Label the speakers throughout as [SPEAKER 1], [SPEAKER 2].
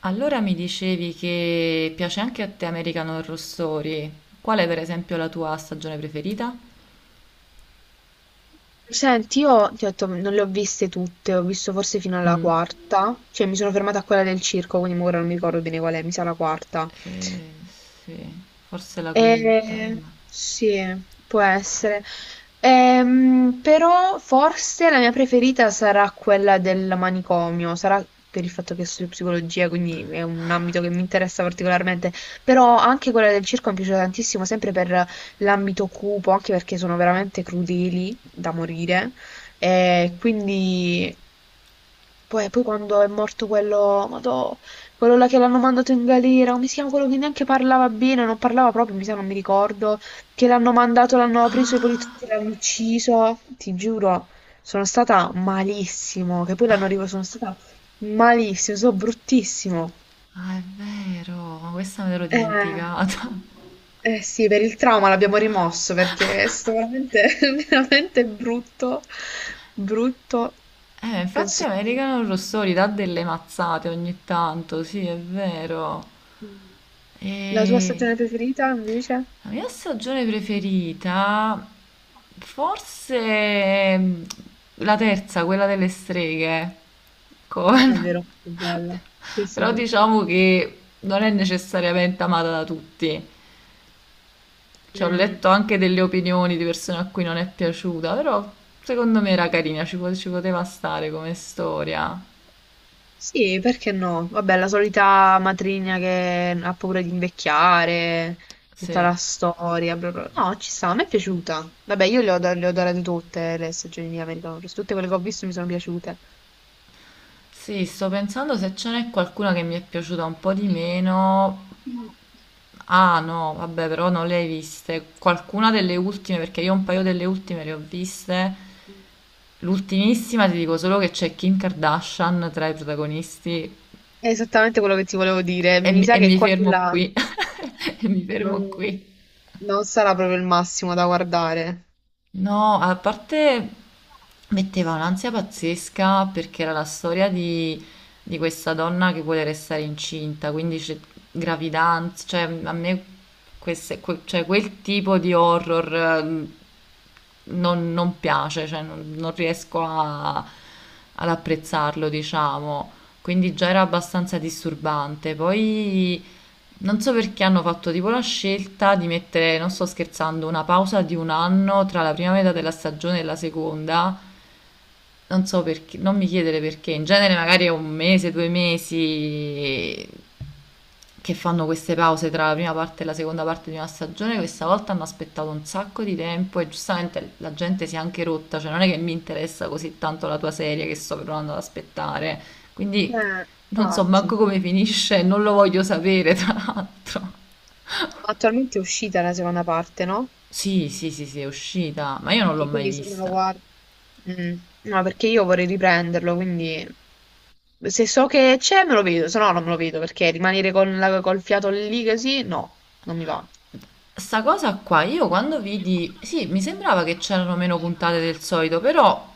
[SPEAKER 1] Allora mi dicevi che piace anche a te American Horror Story. Qual è per esempio la tua stagione preferita?
[SPEAKER 2] Senti, io ti ho detto, non le ho viste tutte, ho visto forse fino alla
[SPEAKER 1] Mm,
[SPEAKER 2] quarta, cioè mi sono fermata a quella del circo, quindi ora non mi ricordo bene qual è, mi sa la quarta.
[SPEAKER 1] eh, sì, forse la quinta. Vabbè.
[SPEAKER 2] Sì, può essere. Però forse la mia preferita sarà quella del manicomio, sarà per il fatto che studio psicologia, quindi è un ambito che mi interessa particolarmente, però anche quella del circo mi piace tantissimo, sempre per l'ambito cupo, anche perché sono veramente crudeli da morire, e quindi poi quando è morto quello, madò, quello là che l'hanno mandato in galera, come si chiama quello che neanche parlava bene, non parlava proprio, mi sa, non mi ricordo, che l'hanno mandato, l'hanno preso i
[SPEAKER 1] Ah,
[SPEAKER 2] poliziotti, l'hanno ucciso, ti giuro, sono stata malissimo, che poi l'hanno arrivato, sono stata malissimo, sono bruttissimo.
[SPEAKER 1] ah, è vero, ma questa me l'ero
[SPEAKER 2] Eh,
[SPEAKER 1] dimenticata.
[SPEAKER 2] eh sì, per il trauma l'abbiamo rimosso perché è stato veramente, veramente brutto, brutto,
[SPEAKER 1] Infatti
[SPEAKER 2] penso...
[SPEAKER 1] American Horror Story dà delle mazzate ogni tanto, sì, è vero.
[SPEAKER 2] Mh. La tua
[SPEAKER 1] E
[SPEAKER 2] stagione preferita invece?
[SPEAKER 1] la mia stagione preferita, forse la terza, quella delle streghe,
[SPEAKER 2] È
[SPEAKER 1] con...
[SPEAKER 2] vero, è bella. Sì, sì,
[SPEAKER 1] però
[SPEAKER 2] sì.
[SPEAKER 1] diciamo che non è necessariamente amata da tutti. Cioè, ho
[SPEAKER 2] Mh.
[SPEAKER 1] letto anche delle opinioni di persone a cui non è piaciuta, però secondo me era carina, ci poteva stare come storia.
[SPEAKER 2] Sì, perché no? Vabbè, la solita matrigna che ha paura di invecchiare, tutta
[SPEAKER 1] Sì.
[SPEAKER 2] la storia, bla bla. No, ci sta, a me è piaciuta. Vabbè, io le ho, le ho adorate tutte le stagioni di American Horror, Story, tutte quelle che ho visto mi sono piaciute.
[SPEAKER 1] Sì, sto pensando se ce n'è qualcuna che mi è piaciuta un po' di meno. Ah no, vabbè, però non le hai viste. Qualcuna delle ultime, perché io un paio delle ultime le ho viste. L'ultimissima ti dico solo che c'è Kim Kardashian tra i protagonisti
[SPEAKER 2] È esattamente quello che ti volevo dire.
[SPEAKER 1] e
[SPEAKER 2] Mi
[SPEAKER 1] mi,
[SPEAKER 2] sa
[SPEAKER 1] e
[SPEAKER 2] che
[SPEAKER 1] mi fermo
[SPEAKER 2] quella
[SPEAKER 1] qui. E mi fermo
[SPEAKER 2] non,
[SPEAKER 1] qui.
[SPEAKER 2] non sarà proprio il massimo da guardare.
[SPEAKER 1] No, a parte metteva un'ansia pazzesca perché era la storia di questa donna che vuole restare incinta, quindi c'è gravidanza, cioè a me cioè, quel tipo di horror non piace, cioè non riesco ad apprezzarlo, diciamo, quindi già era abbastanza disturbante. Poi non so perché hanno fatto tipo la scelta di mettere, non sto scherzando, una pausa di un anno tra la prima metà della stagione e la seconda, non so perché, non mi chiedere perché, in genere magari è un mese, 2 mesi che fanno queste pause tra la prima parte e la seconda parte di una stagione, questa volta hanno aspettato un sacco di tempo e giustamente la gente si è anche rotta, cioè non è che mi interessa così tanto la tua serie che sto provando ad aspettare, quindi
[SPEAKER 2] Eh,
[SPEAKER 1] non so
[SPEAKER 2] infatti.
[SPEAKER 1] manco come finisce, non lo voglio sapere tra l'altro.
[SPEAKER 2] Attualmente è uscita la seconda parte, no?
[SPEAKER 1] Sì, sì, sì, sì, è uscita, ma io non l'ho
[SPEAKER 2] Che
[SPEAKER 1] mai
[SPEAKER 2] quindi se me lo
[SPEAKER 1] vista.
[SPEAKER 2] guardo... Mm, no, perché io vorrei riprenderlo, quindi se so che c'è me lo vedo, se no non me lo vedo, perché rimanere con col fiato lì così, no, non mi va.
[SPEAKER 1] Sta cosa qua, io quando vidi, sì, mi sembrava che c'erano meno puntate del solito, però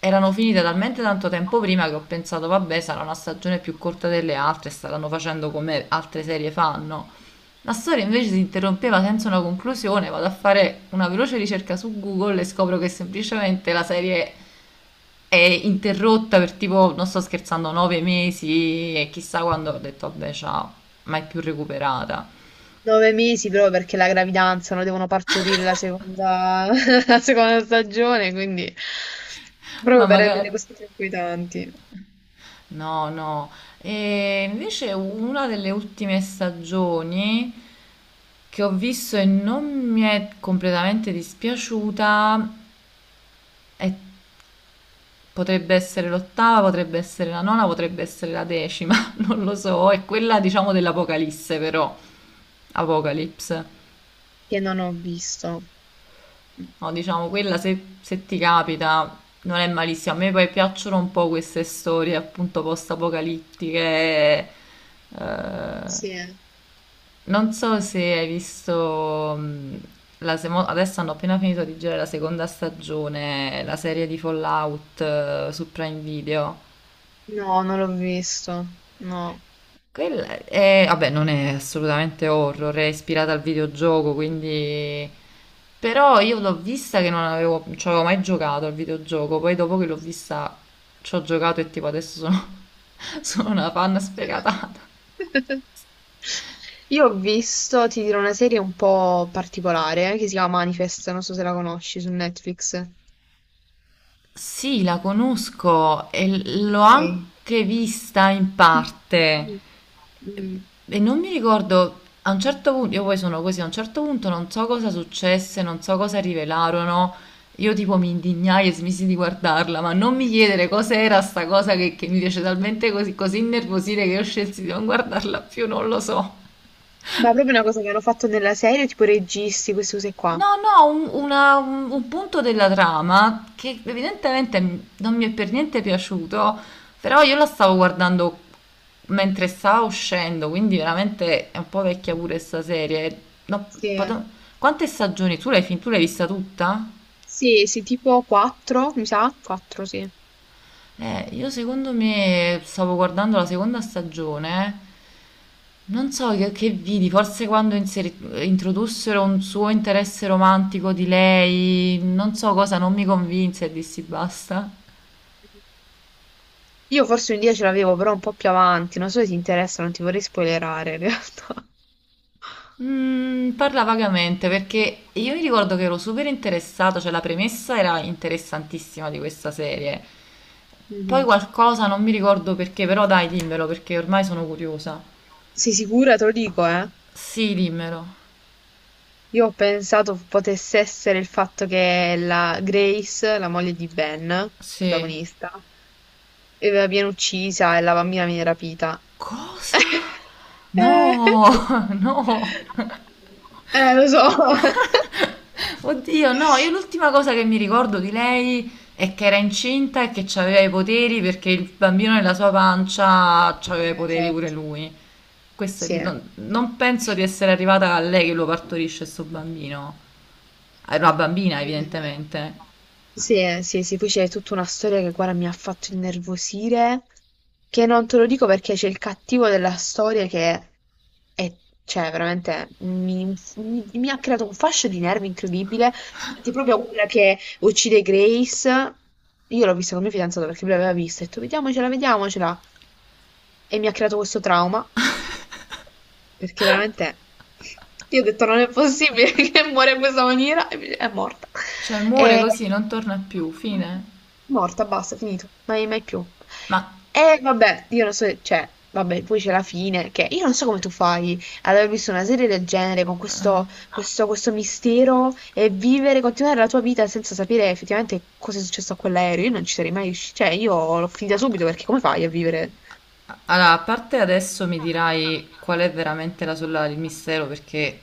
[SPEAKER 1] erano finite talmente tanto tempo prima che ho pensato, vabbè, sarà una stagione più corta delle altre, staranno facendo come altre serie fanno. La storia invece si interrompeva senza una conclusione, vado a fare una veloce ricerca su Google e scopro che semplicemente la serie è interrotta per tipo, non sto scherzando, 9 mesi e chissà quando ho detto, vabbè, ciao, mai più recuperata.
[SPEAKER 2] Nove mesi proprio perché la gravidanza, non devono partorire la seconda, la seconda stagione, quindi
[SPEAKER 1] Ma
[SPEAKER 2] proprio per
[SPEAKER 1] magari...
[SPEAKER 2] rendere così tranquillanti,
[SPEAKER 1] No, no. E invece una delle ultime stagioni che ho visto e non mi è completamente dispiaciuta è- potrebbe essere l'ottava, potrebbe essere la nona, potrebbe essere la decima, non lo so, è quella diciamo dell'Apocalisse, però Apocalypse.
[SPEAKER 2] che non ho visto.
[SPEAKER 1] No, diciamo quella, se se ti capita non è malissima. A me poi piacciono un po' queste storie appunto post-apocalittiche. Eh,
[SPEAKER 2] Sì.
[SPEAKER 1] Non so se hai visto, adesso hanno appena finito di girare la seconda stagione, la serie di Fallout, su Prime Video.
[SPEAKER 2] No, non l'ho visto, no.
[SPEAKER 1] Quella è, vabbè, non è assolutamente horror, è ispirata al videogioco, quindi... Però io l'ho vista che non avevo, non ci avevo mai giocato al videogioco, poi dopo che l'ho vista ci ho giocato e tipo adesso sono, sono una fan sfegatata.
[SPEAKER 2] Impressionante. Io ho visto, ti dirò, una serie un po' particolare che si chiama Manifest, non so se la conosci su Netflix.
[SPEAKER 1] Sì, la conosco e l'ho
[SPEAKER 2] Ok.
[SPEAKER 1] anche vista in parte
[SPEAKER 2] Mm.
[SPEAKER 1] e non mi ricordo a un certo punto, io poi sono così, a un certo punto non so cosa successe, non so cosa rivelarono, io tipo mi indignai e smisi di guardarla, ma non mi chiedere cos'era sta cosa che mi fece talmente così, così innervosire che io scelsi di non guardarla più, non lo so.
[SPEAKER 2] Ma proprio una cosa che hanno fatto nella serie, tipo registi, queste cose qua.
[SPEAKER 1] No, no, un punto della trama che evidentemente non mi è per niente piaciuto, però io la stavo guardando mentre stava uscendo, quindi veramente è un po' vecchia pure sta serie. No,
[SPEAKER 2] Sì, eh.
[SPEAKER 1] pot- Quante stagioni? Tu l'hai vista tutta?
[SPEAKER 2] Sì, sì, tipo 4, mi sa? 4, sì.
[SPEAKER 1] Io secondo me stavo guardando la seconda stagione. Non so che vidi, forse quando introdussero un suo interesse romantico di lei, non so cosa, non mi convinse e dissi basta.
[SPEAKER 2] Io forse un dia ce l'avevo, però un po' più avanti, non so se ti interessa, non ti vorrei spoilerare in realtà.
[SPEAKER 1] Parla vagamente perché io mi ricordo che ero super interessato, cioè la premessa era interessantissima di questa serie. Poi
[SPEAKER 2] Mhm.
[SPEAKER 1] qualcosa, non mi ricordo perché, però dai, dimmelo perché ormai sono curiosa.
[SPEAKER 2] Sei sicura? Te lo dico, eh.
[SPEAKER 1] Sì, dimmelo.
[SPEAKER 2] Io ho pensato potesse essere il fatto che la Grace, la moglie di Ben,
[SPEAKER 1] Sì.
[SPEAKER 2] protagonista, viene uccisa e la bambina viene rapita.
[SPEAKER 1] Cosa? No,
[SPEAKER 2] Eh,
[SPEAKER 1] no.
[SPEAKER 2] lo so.
[SPEAKER 1] Oddio, no, io l'ultima cosa che mi ricordo di lei è che era incinta e che aveva i poteri perché il bambino nella sua pancia aveva i poteri pure
[SPEAKER 2] Esatto.
[SPEAKER 1] lui. Questo è-
[SPEAKER 2] Sì.
[SPEAKER 1] non, non penso di essere arrivata a lei che lo partorisce sto bambino. Era una bambina,
[SPEAKER 2] Eh,
[SPEAKER 1] evidentemente.
[SPEAKER 2] sì, sì, sì, poi c'è tutta una storia che guarda mi ha fatto innervosire, che non te lo dico perché c'è il cattivo della storia che è, cioè, veramente mi, mi ha creato un fascio di nervi incredibile. Infatti, proprio quella che uccide Grace, io l'ho vista con mio fidanzato perché lui l'aveva vista, e ho detto vediamocela, vediamocela, e mi ha creato questo trauma. Perché veramente io ho detto non è possibile che muore in questa maniera e invece è morta.
[SPEAKER 1] Cioè, muore
[SPEAKER 2] E...
[SPEAKER 1] così, non torna più, fine.
[SPEAKER 2] Morta, basta, finito, mai, mai più.
[SPEAKER 1] Ma
[SPEAKER 2] E vabbè, io non so, cioè, vabbè, poi c'è la fine, che io non so come tu fai ad aver visto una serie del genere con questo mistero e vivere, continuare la tua vita senza sapere effettivamente cosa è successo a quell'aereo. Io non ci sarei mai riuscita, cioè, io l'ho finita subito perché come fai a vivere?
[SPEAKER 1] Allora, a parte adesso mi dirai qual è veramente la sorella del mistero, perché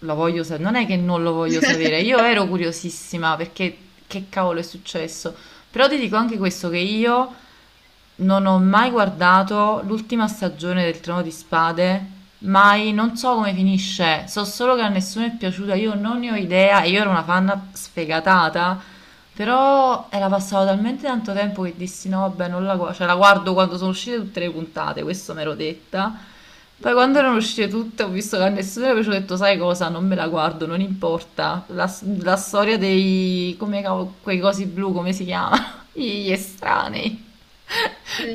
[SPEAKER 1] lo voglio sapere, non è che non lo voglio sapere, io ero curiosissima perché che cavolo è successo, però ti dico anche questo che io non ho mai guardato l'ultima stagione del Trono di Spade, mai, non so come finisce, so solo che a nessuno è piaciuta, io non ne ho idea e io ero una fan sfegatata, però era passato talmente tanto tempo che dissi no, vabbè, non cioè, la guardo quando sono uscite tutte le puntate, questo me l'ero detta. Poi quando
[SPEAKER 2] Mm.
[SPEAKER 1] erano uscite tutte ho visto che a nessuno era piaciuto ho detto sai cosa, non me la guardo, non importa. La la storia dei... come cavolo- quei cosi blu, come si chiama? Gli estranei.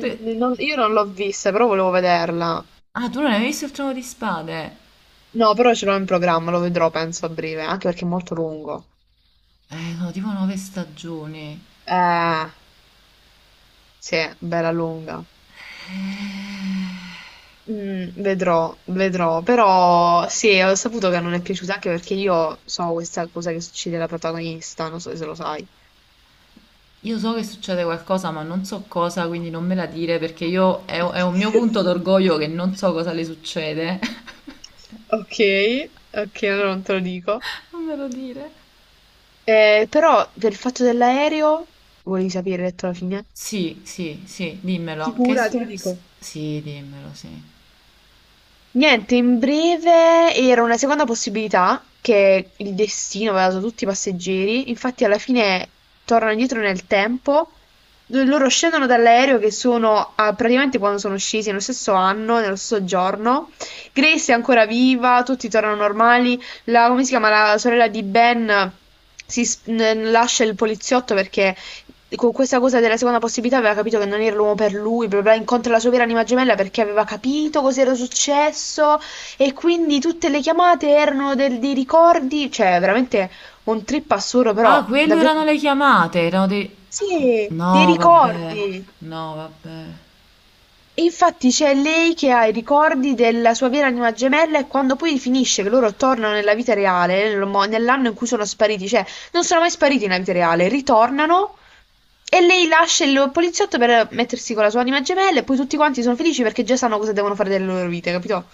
[SPEAKER 1] Tu-
[SPEAKER 2] non- Io non l'ho vista, però volevo vederla.
[SPEAKER 1] Ah, tu non hai mai visto il Trono di Spade?
[SPEAKER 2] No, però ce l'ho in programma, lo vedrò penso a breve, anche perché è molto lungo.
[SPEAKER 1] Sono tipo 9 stagioni.
[SPEAKER 2] Eh, sì, bella lunga. Mm, vedrò, vedrò, però sì, ho saputo che non è piaciuta anche perché io so questa cosa che succede alla protagonista, non so se lo sai.
[SPEAKER 1] Io so che succede qualcosa, ma non so cosa, quindi non me la dire perché io
[SPEAKER 2] Ok,
[SPEAKER 1] è un mio punto d'orgoglio che non so cosa le succede.
[SPEAKER 2] ok, ok, allora non te lo dico.
[SPEAKER 1] Non me lo dire.
[SPEAKER 2] Però per il fatto dell'aereo, volevi sapere detto alla fine?
[SPEAKER 1] Sì, sì, sì, dimmelo. Che
[SPEAKER 2] Sicura,
[SPEAKER 1] su-
[SPEAKER 2] te lo
[SPEAKER 1] s-
[SPEAKER 2] dico.
[SPEAKER 1] Sì, dimmelo, sì.
[SPEAKER 2] Niente, in breve era una seconda possibilità che il destino aveva dato a tutti i passeggeri. Infatti, alla fine tornano indietro nel tempo. Dove loro scendono dall'aereo che sono ah, praticamente quando sono scesi nello stesso anno, nello stesso giorno. Grace è ancora viva, tutti tornano normali. La, come si chiama? La sorella di Ben lascia il poliziotto perché con questa cosa della seconda possibilità aveva capito che non era l'uomo per lui, bla bla, bla, incontra la sua vera anima gemella perché aveva capito cosa era successo e quindi tutte le chiamate erano dei ricordi, cioè veramente un trip assurdo,
[SPEAKER 1] Ah,
[SPEAKER 2] però
[SPEAKER 1] quelle
[SPEAKER 2] davvero...
[SPEAKER 1] erano le chiamate, erano dei...
[SPEAKER 2] Sì, dei
[SPEAKER 1] No, vabbè,
[SPEAKER 2] ricordi.
[SPEAKER 1] no, vabbè.
[SPEAKER 2] Infatti c'è lei che ha i ricordi della sua vera anima gemella e quando poi finisce che loro tornano nella vita reale, nell'anno in cui sono spariti, cioè non sono mai spariti nella vita reale, ritornano e lei lascia il poliziotto per mettersi con la sua anima gemella e poi tutti quanti sono felici perché già sanno cosa devono fare delle loro vite, capito?